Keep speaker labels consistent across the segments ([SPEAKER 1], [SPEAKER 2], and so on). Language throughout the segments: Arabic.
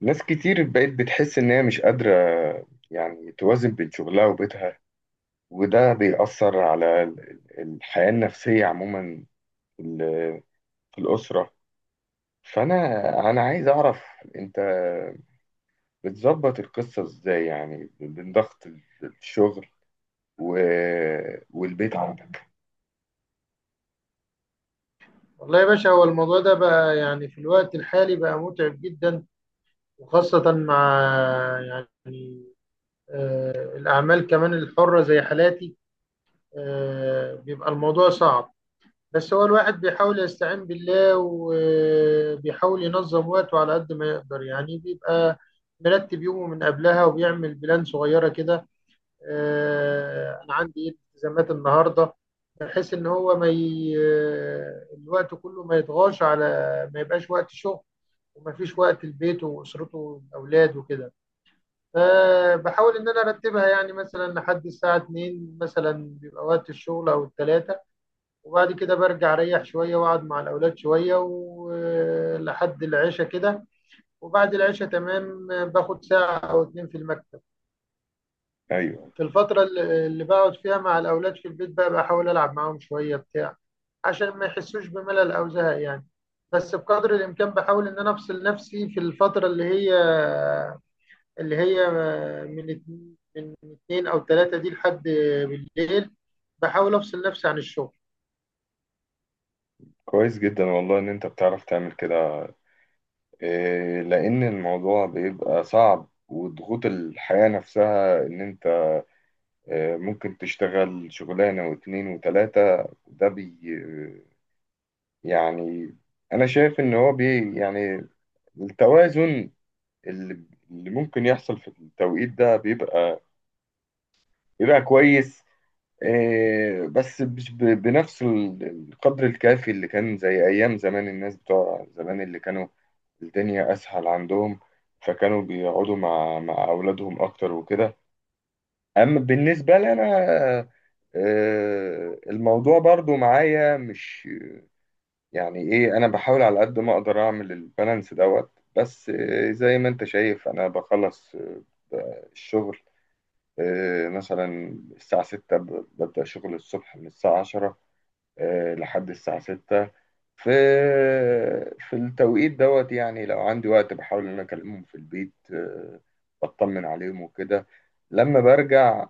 [SPEAKER 1] ناس كتير بقت بتحس إن هي مش قادرة يعني توازن بين شغلها وبيتها. وده بيأثر على الحياة النفسية عموما في ال- في الأسرة. فأنا عايز أعرف أنت بتظبط القصة إزاي، يعني بين ضغط الشغل و... والبيت عندك؟
[SPEAKER 2] والله يا باشا، هو الموضوع ده بقى في الوقت الحالي بقى متعب جدا، وخاصة مع يعني الأعمال كمان الحرة زي حالاتي. بيبقى الموضوع صعب. بس هو الواحد بيحاول يستعين بالله وبيحاول ينظم وقته على قد ما يقدر. بيبقى مرتب يومه من قبلها وبيعمل بلان صغيرة كده. أنا عندي إيه التزامات النهاردة، بحيث إن هو ما ي... آه، الوقت كله ما يطغاش على، ما يبقاش وقت شغل ومفيش وقت لبيته واسرته والاولاد وكده. فبحاول ان انا ارتبها، يعني مثلا لحد الساعه 2 مثلا بيبقى وقت الشغل او الثلاثه، وبعد كده برجع اريح شويه واقعد مع الاولاد شويه ولحد العشاء كده، وبعد العشاء تمام باخد ساعه او اتنين في المكتب.
[SPEAKER 1] أيوه،
[SPEAKER 2] في الفتره اللي بقعد فيها مع الاولاد في البيت بقى بحاول العب معاهم شويه بتاع، عشان ما يحسوش بملل او زهق يعني. بس بقدر الامكان بحاول ان انا افصل نفسي في الفتره اللي هي، اللي هي من اتنين أو تلاتة دي لحد بالليل، بحاول أفصل نفسي عن الشغل.
[SPEAKER 1] كويس جدا والله إن أنت بتعرف تعمل كده. لأن الموضوع بيبقى صعب وضغوط الحياة نفسها، إن أنت ممكن تشتغل شغلانة واتنين وتلاتة، ده بي آه، يعني، أنا شايف إن هو يعني التوازن اللي اللي ممكن يحصل في التوقيت ده بيبقى كويس. بس مش بنفس القدر الكافي اللي كان زي أيام زمان، الناس بتوع زمان اللي كانوا الدنيا أسهل عندهم، فكانوا بيقعدوا مع أولادهم أكتر وكده. اما بالنسبه لي انا، الموضوع برضو معايا مش يعني ايه، انا بحاول على قد ما اقدر اعمل البالانس دوت، بس زي ما انت شايف انا بخلص الشغل. مثلا الساعه 6، ببدا شغل الصبح من الساعه 10 لحد الساعه 6. في في التوقيت دوت يعني، لو عندي وقت بحاول ان انا اكلمهم في البيت، بطمن عليهم وكده. لما برجع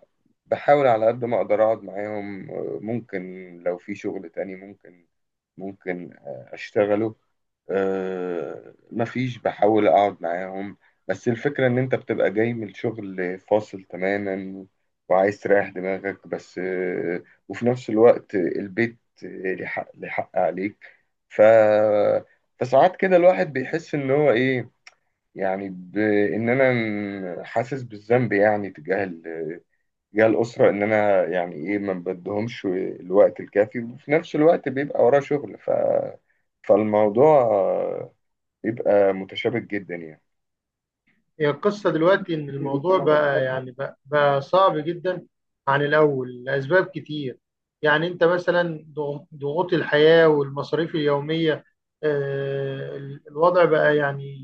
[SPEAKER 1] بحاول على قد ما اقدر اقعد معاهم. ممكن لو في شغل تاني ممكن، اشتغله. مفيش، بحاول اقعد معاهم. بس الفكرة ان انت بتبقى جاي من شغل فاصل تماما وعايز تريح دماغك بس، وفي نفس الوقت البيت ليه حق عليك. ف فساعات كده الواحد بيحس ان هو ايه، يعني ان انا حاسس بالذنب يعني تجاه تجاه الأسرة. إن أنا يعني إيه، ما بديهمش الوقت الكافي، وفي نفس الوقت بيبقى وراه شغل فالموضوع بيبقى متشابك جدا يعني.
[SPEAKER 2] هي القصة دلوقتي إن
[SPEAKER 1] ايوه،
[SPEAKER 2] الموضوع بقى بقى صعب جدا عن الأول لأسباب كتير. يعني أنت مثلا ضغوط الحياة والمصاريف اليومية، الوضع بقى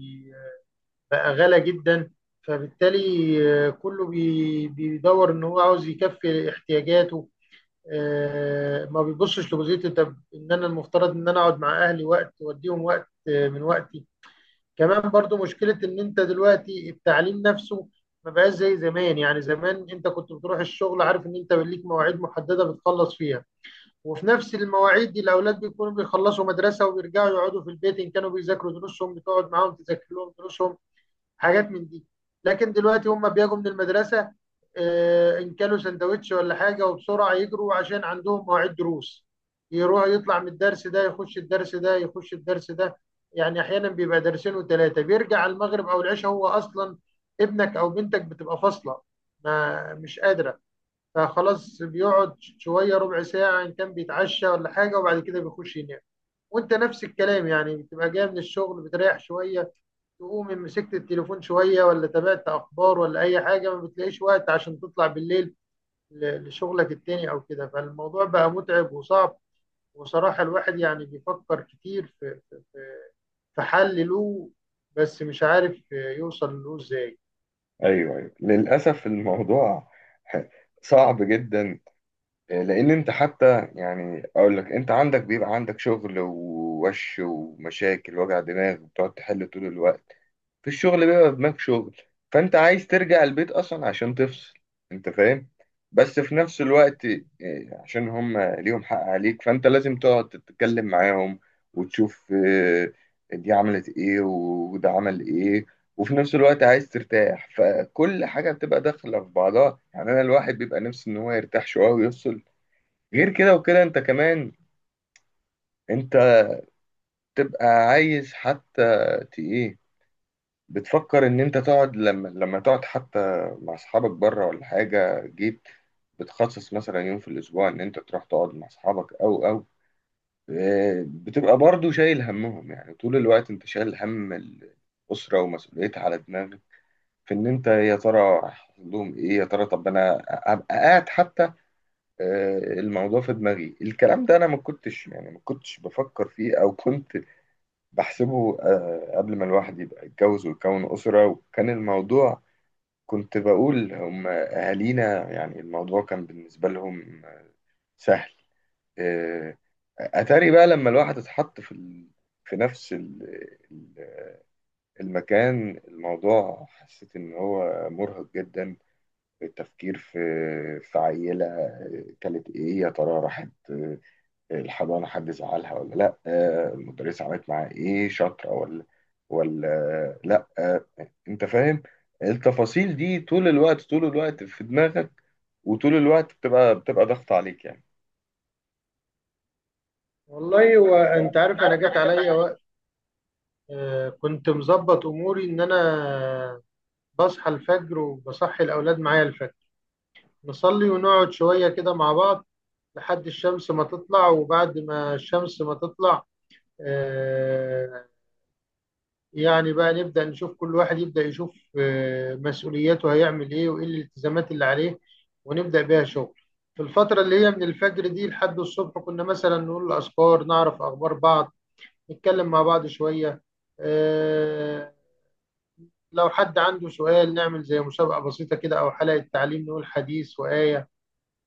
[SPEAKER 2] بقى غالى جدا. فبالتالي كله بيدور إن هو عاوز يكفي احتياجاته. ما بيبصش لجزئيه، طب ان انا المفترض ان انا اقعد مع اهلي وقت واديهم وقت من وقتي. كمان برضو مشكله ان انت دلوقتي التعليم نفسه ما بقاش زي زمان. يعني زمان انت كنت بتروح الشغل عارف ان انت ليك مواعيد محدده بتخلص فيها، وفي نفس المواعيد دي الاولاد بيكونوا بيخلصوا مدرسه وبيرجعوا يقعدوا في البيت، ان كانوا بيذاكروا دروسهم بتقعد معاهم تذاكر لهم دروسهم، حاجات من دي. لكن دلوقتي هم بيجوا من المدرسه، ان كلوا سندوتش ولا حاجه وبسرعه يجروا عشان عندهم مواعيد دروس. يروح يطلع من الدرس ده يخش الدرس ده يخش الدرس ده. يعني احيانا بيبقى درسين وثلاثه، بيرجع على المغرب او العشاء. هو اصلا ابنك او بنتك بتبقى فاصله، ما مش قادره. فخلاص بيقعد شويه ربع ساعه ان كان بيتعشى ولا حاجه وبعد كده بيخش ينام. وانت نفس الكلام، يعني بتبقى جاي من الشغل بتريح شويه، تقوم مسكت التليفون شوية ولا تابعت أخبار ولا أي حاجة، ما بتلاقيش وقت عشان تطلع بالليل لشغلك التاني أو كده. فالموضوع بقى متعب وصعب. وصراحة الواحد يعني بيفكر كتير في، في حل له، بس مش عارف يوصل له إزاي.
[SPEAKER 1] ايوه، للاسف الموضوع صعب جدا. لان انت حتى يعني اقول لك، انت عندك بيبقى عندك شغل ووش ومشاكل وجع دماغ بتقعد تحل طول الوقت. في الشغل بيبقى دماغ شغل، فانت عايز ترجع البيت اصلا عشان تفصل، انت فاهم. بس في نفس الوقت عشان هم ليهم حق عليك، فانت لازم تقعد تتكلم معاهم وتشوف دي عملت ايه وده عمل ايه. وفي نفس الوقت عايز ترتاح، فكل حاجة بتبقى داخلة في بعضها يعني، انا الواحد بيبقى نفسه ان هو يرتاح شوية ويفصل. غير كده وكده انت كمان انت تبقى عايز حتى، ايه، بتفكر ان انت تقعد لما تقعد حتى مع اصحابك بره ولا حاجه. جيت بتخصص مثلا يوم في الاسبوع ان انت تروح تقعد مع اصحابك او، بتبقى برضو شايل همهم يعني، طول الوقت انت شايل هم الاسره ومسؤوليتها على دماغك، في ان انت يا ترى هيحصل لهم ايه، يا ترى طب انا ابقى قاعد حتى. الموضوع في دماغي، الكلام ده انا ما كنتش يعني ما كنتش بفكر فيه، او كنت بحسبه قبل ما الواحد يبقى يتجوز ويكون اسره. وكان الموضوع كنت بقول هم أهالينا، يعني الموضوع كان بالنسبة لهم سهل. آه، أتاري بقى لما الواحد اتحط في في نفس ال- المكان، الموضوع حسيت إن هو مرهق جدا، التفكير في عيلة كانت إيه، يا ترى راحت الحضانة حد زعلها ولا لا، المدرسة عملت معاها ايه، شاطرة ولا لا، انت فاهم. التفاصيل دي طول الوقت، طول الوقت في دماغك، وطول الوقت بتبقى ضغط عليك يعني.
[SPEAKER 2] والله هو أنت عارف، أنا جت عليا وقت كنت مظبط أموري إن أنا بصحى الفجر وبصحي الأولاد معايا الفجر، نصلي ونقعد شوية كده مع بعض لحد الشمس ما تطلع. وبعد ما الشمس ما تطلع آه، يعني بقى نبدأ نشوف كل واحد يبدأ يشوف مسؤولياته، هيعمل إيه وإيه الالتزامات اللي عليه، ونبدأ بيها شغل. في الفترة اللي هي من الفجر دي لحد الصبح كنا مثلا نقول أذكار، نعرف أخبار بعض، نتكلم مع بعض شوية. آه، لو حد عنده سؤال نعمل زي مسابقة بسيطة كده أو حلقة تعليم نقول حديث وآية،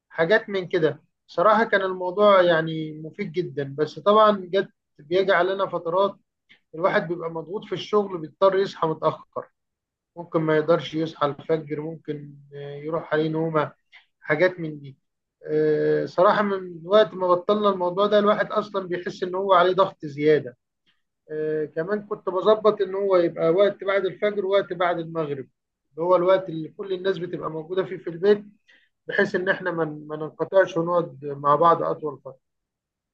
[SPEAKER 2] حاجات من كده. صراحة كان الموضوع يعني مفيد جدا. بس طبعا جت، بيجي علينا فترات الواحد بيبقى مضغوط في الشغل بيضطر يصحى متأخر، ممكن ما يقدرش يصحى الفجر، ممكن يروح عليه نومة، حاجات من دي. صراحة من وقت ما بطلنا الموضوع ده الواحد أصلا بيحس إن هو عليه ضغط زيادة. كمان كنت بظبط إن هو يبقى وقت بعد الفجر ووقت بعد المغرب، اللي هو الوقت اللي كل الناس بتبقى موجودة فيه في البيت، بحيث إن إحنا ما ننقطعش ونقعد مع بعض أطول.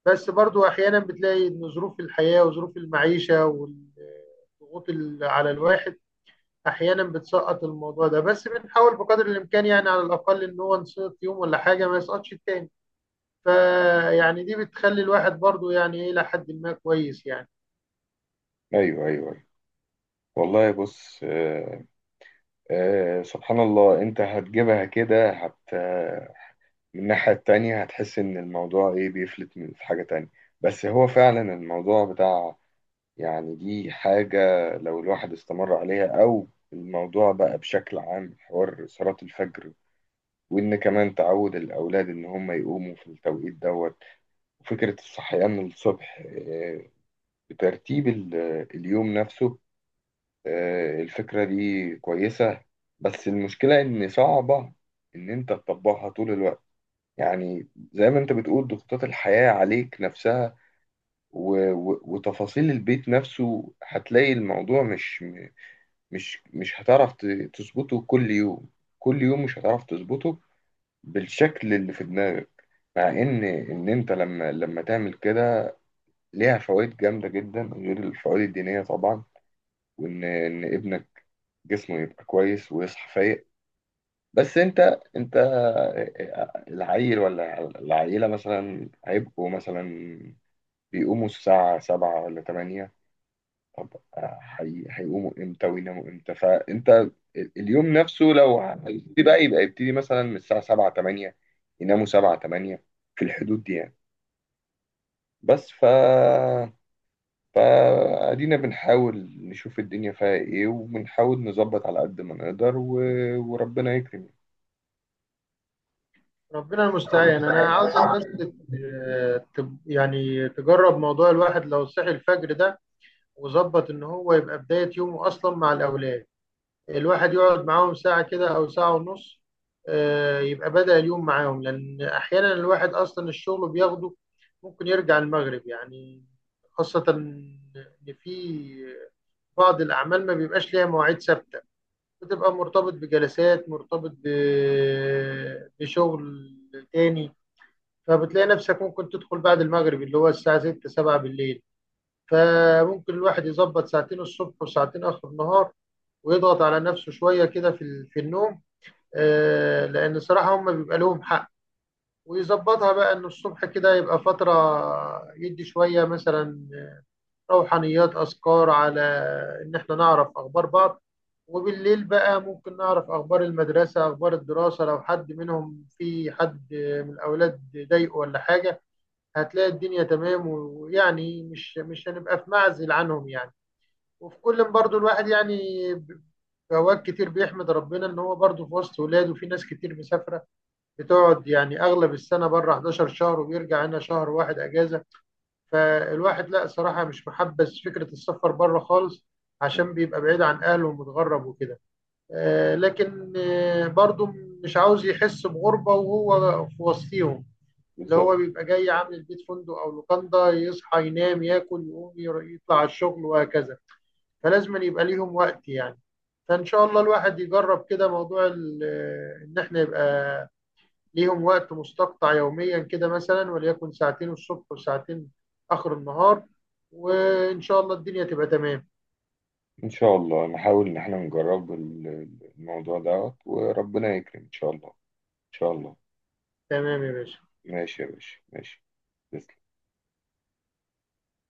[SPEAKER 2] بس برضو احيانا بتلاقي ان ظروف الحياه وظروف المعيشه والضغوط على الواحد احيانا بتسقط الموضوع ده. بس بنحاول بقدر الامكان، يعني على الاقل ان هو نسقط يوم ولا حاجه ما يسقطش التاني. فيعني دي بتخلي الواحد برضو يعني ايه الى حد ما كويس يعني.
[SPEAKER 1] ايوه، ايوه، أيوة. والله بص، سبحان الله، انت هتجيبها كده من الناحية التانية هتحس ان الموضوع ايه، بيفلت من في حاجة تانية. بس هو فعلا الموضوع بتاع، يعني دي حاجة لو الواحد استمر عليها أو الموضوع بقى بشكل عام، حوار صلاة الفجر، وإن كمان تعود الأولاد إن هم يقوموا في التوقيت دوت، وفكرة الصحيان الصبح بترتيب اليوم نفسه. الفكرة دي كويسة، بس المشكلة إن صعبة إن أنت تطبقها طول الوقت. يعني زي ما أنت بتقول، ضغوطات الحياة عليك نفسها وتفاصيل البيت نفسه، هتلاقي الموضوع مش هتعرف تظبطه كل يوم. كل يوم مش هتعرف تظبطه بالشكل اللي في دماغك. مع ان انت لما تعمل كده ليها فوائد جامده جدا غير الفوائد الدينيه طبعا، وان ابنك جسمه يبقى كويس ويصحى فايق. بس انت العيل ولا العيله مثلا هيبقوا مثلا بيقوموا الساعه 7 ولا 8. طب هيقوموا امتى ويناموا امتى؟ فانت اليوم نفسه لو هيبتدي يبقى يبتدي مثلا من الساعة 7 8، يناموا 7 8، في الحدود دي يعني. بس فادينا بنحاول نشوف الدنيا فيها ايه، وبنحاول نظبط على قد ما نقدر وربنا يكرم.
[SPEAKER 2] ربنا المستعان. انا عاوزك بس يعني تجرب موضوع الواحد لو صحي الفجر ده، وظبط ان هو يبقى بدايه يومه اصلا مع الاولاد. الواحد يقعد معاهم ساعة كده أو ساعة ونص، يبقى بدأ اليوم معاهم. لأن أحيانا الواحد أصلا الشغل بياخده ممكن يرجع المغرب يعني، خاصة إن في بعض الأعمال ما بيبقاش ليها مواعيد ثابتة، بتبقى مرتبط بجلسات، مرتبط بشغل تاني. فبتلاقي نفسك ممكن تدخل بعد المغرب، اللي هو الساعة 6 7 بالليل. فممكن الواحد يظبط ساعتين الصبح وساعتين آخر النهار، ويضغط على نفسه شوية كده في في النوم، لأن صراحة هم بيبقى لهم حق. ويظبطها بقى إن الصبح كده يبقى فترة يدي شوية مثلا روحانيات، أذكار، على إن إحنا نعرف أخبار بعض. وبالليل بقى ممكن نعرف أخبار المدرسة، أخبار الدراسة، لو حد منهم، في حد من الأولاد ضايقه ولا حاجة. هتلاقي الدنيا تمام، ويعني مش هنبقى في معزل عنهم يعني. وفي كل، برضو الواحد يعني ب- في اوقات كتير بيحمد ربنا ان هو برضو في وسط ولاده. في ناس كتير مسافره بتقعد يعني اغلب السنه بره 11 شهر وبيرجع هنا شهر واحد اجازه. فالواحد لا صراحه مش محبس فكره السفر بره خالص،
[SPEAKER 1] يعني.
[SPEAKER 2] عشان بيبقى بعيد عن اهله ومتغرب وكده. لكن برضو مش عاوز يحس بغربه وهو في وسطيهم، اللي
[SPEAKER 1] بالظبط،
[SPEAKER 2] هو بيبقى جاي عامل البيت فندق او لوكاندا، يصحى ينام ياكل يقوم يطلع على الشغل وهكذا. فلازم أن يبقى ليهم وقت يعني. فإن شاء الله الواحد يجرب كده موضوع إن إحنا يبقى ليهم وقت مستقطع يوميا كده مثلا، وليكن ساعتين الصبح وساعتين آخر النهار، وإن شاء الله الدنيا تبقى تمام.
[SPEAKER 1] ان شاء الله نحاول ان احنا نجرب الموضوع ده، وربنا يكرم ان شاء الله، ان شاء الله.
[SPEAKER 2] تمام يا باشا.
[SPEAKER 1] ماشي يا باشا، ماشي. تسلم.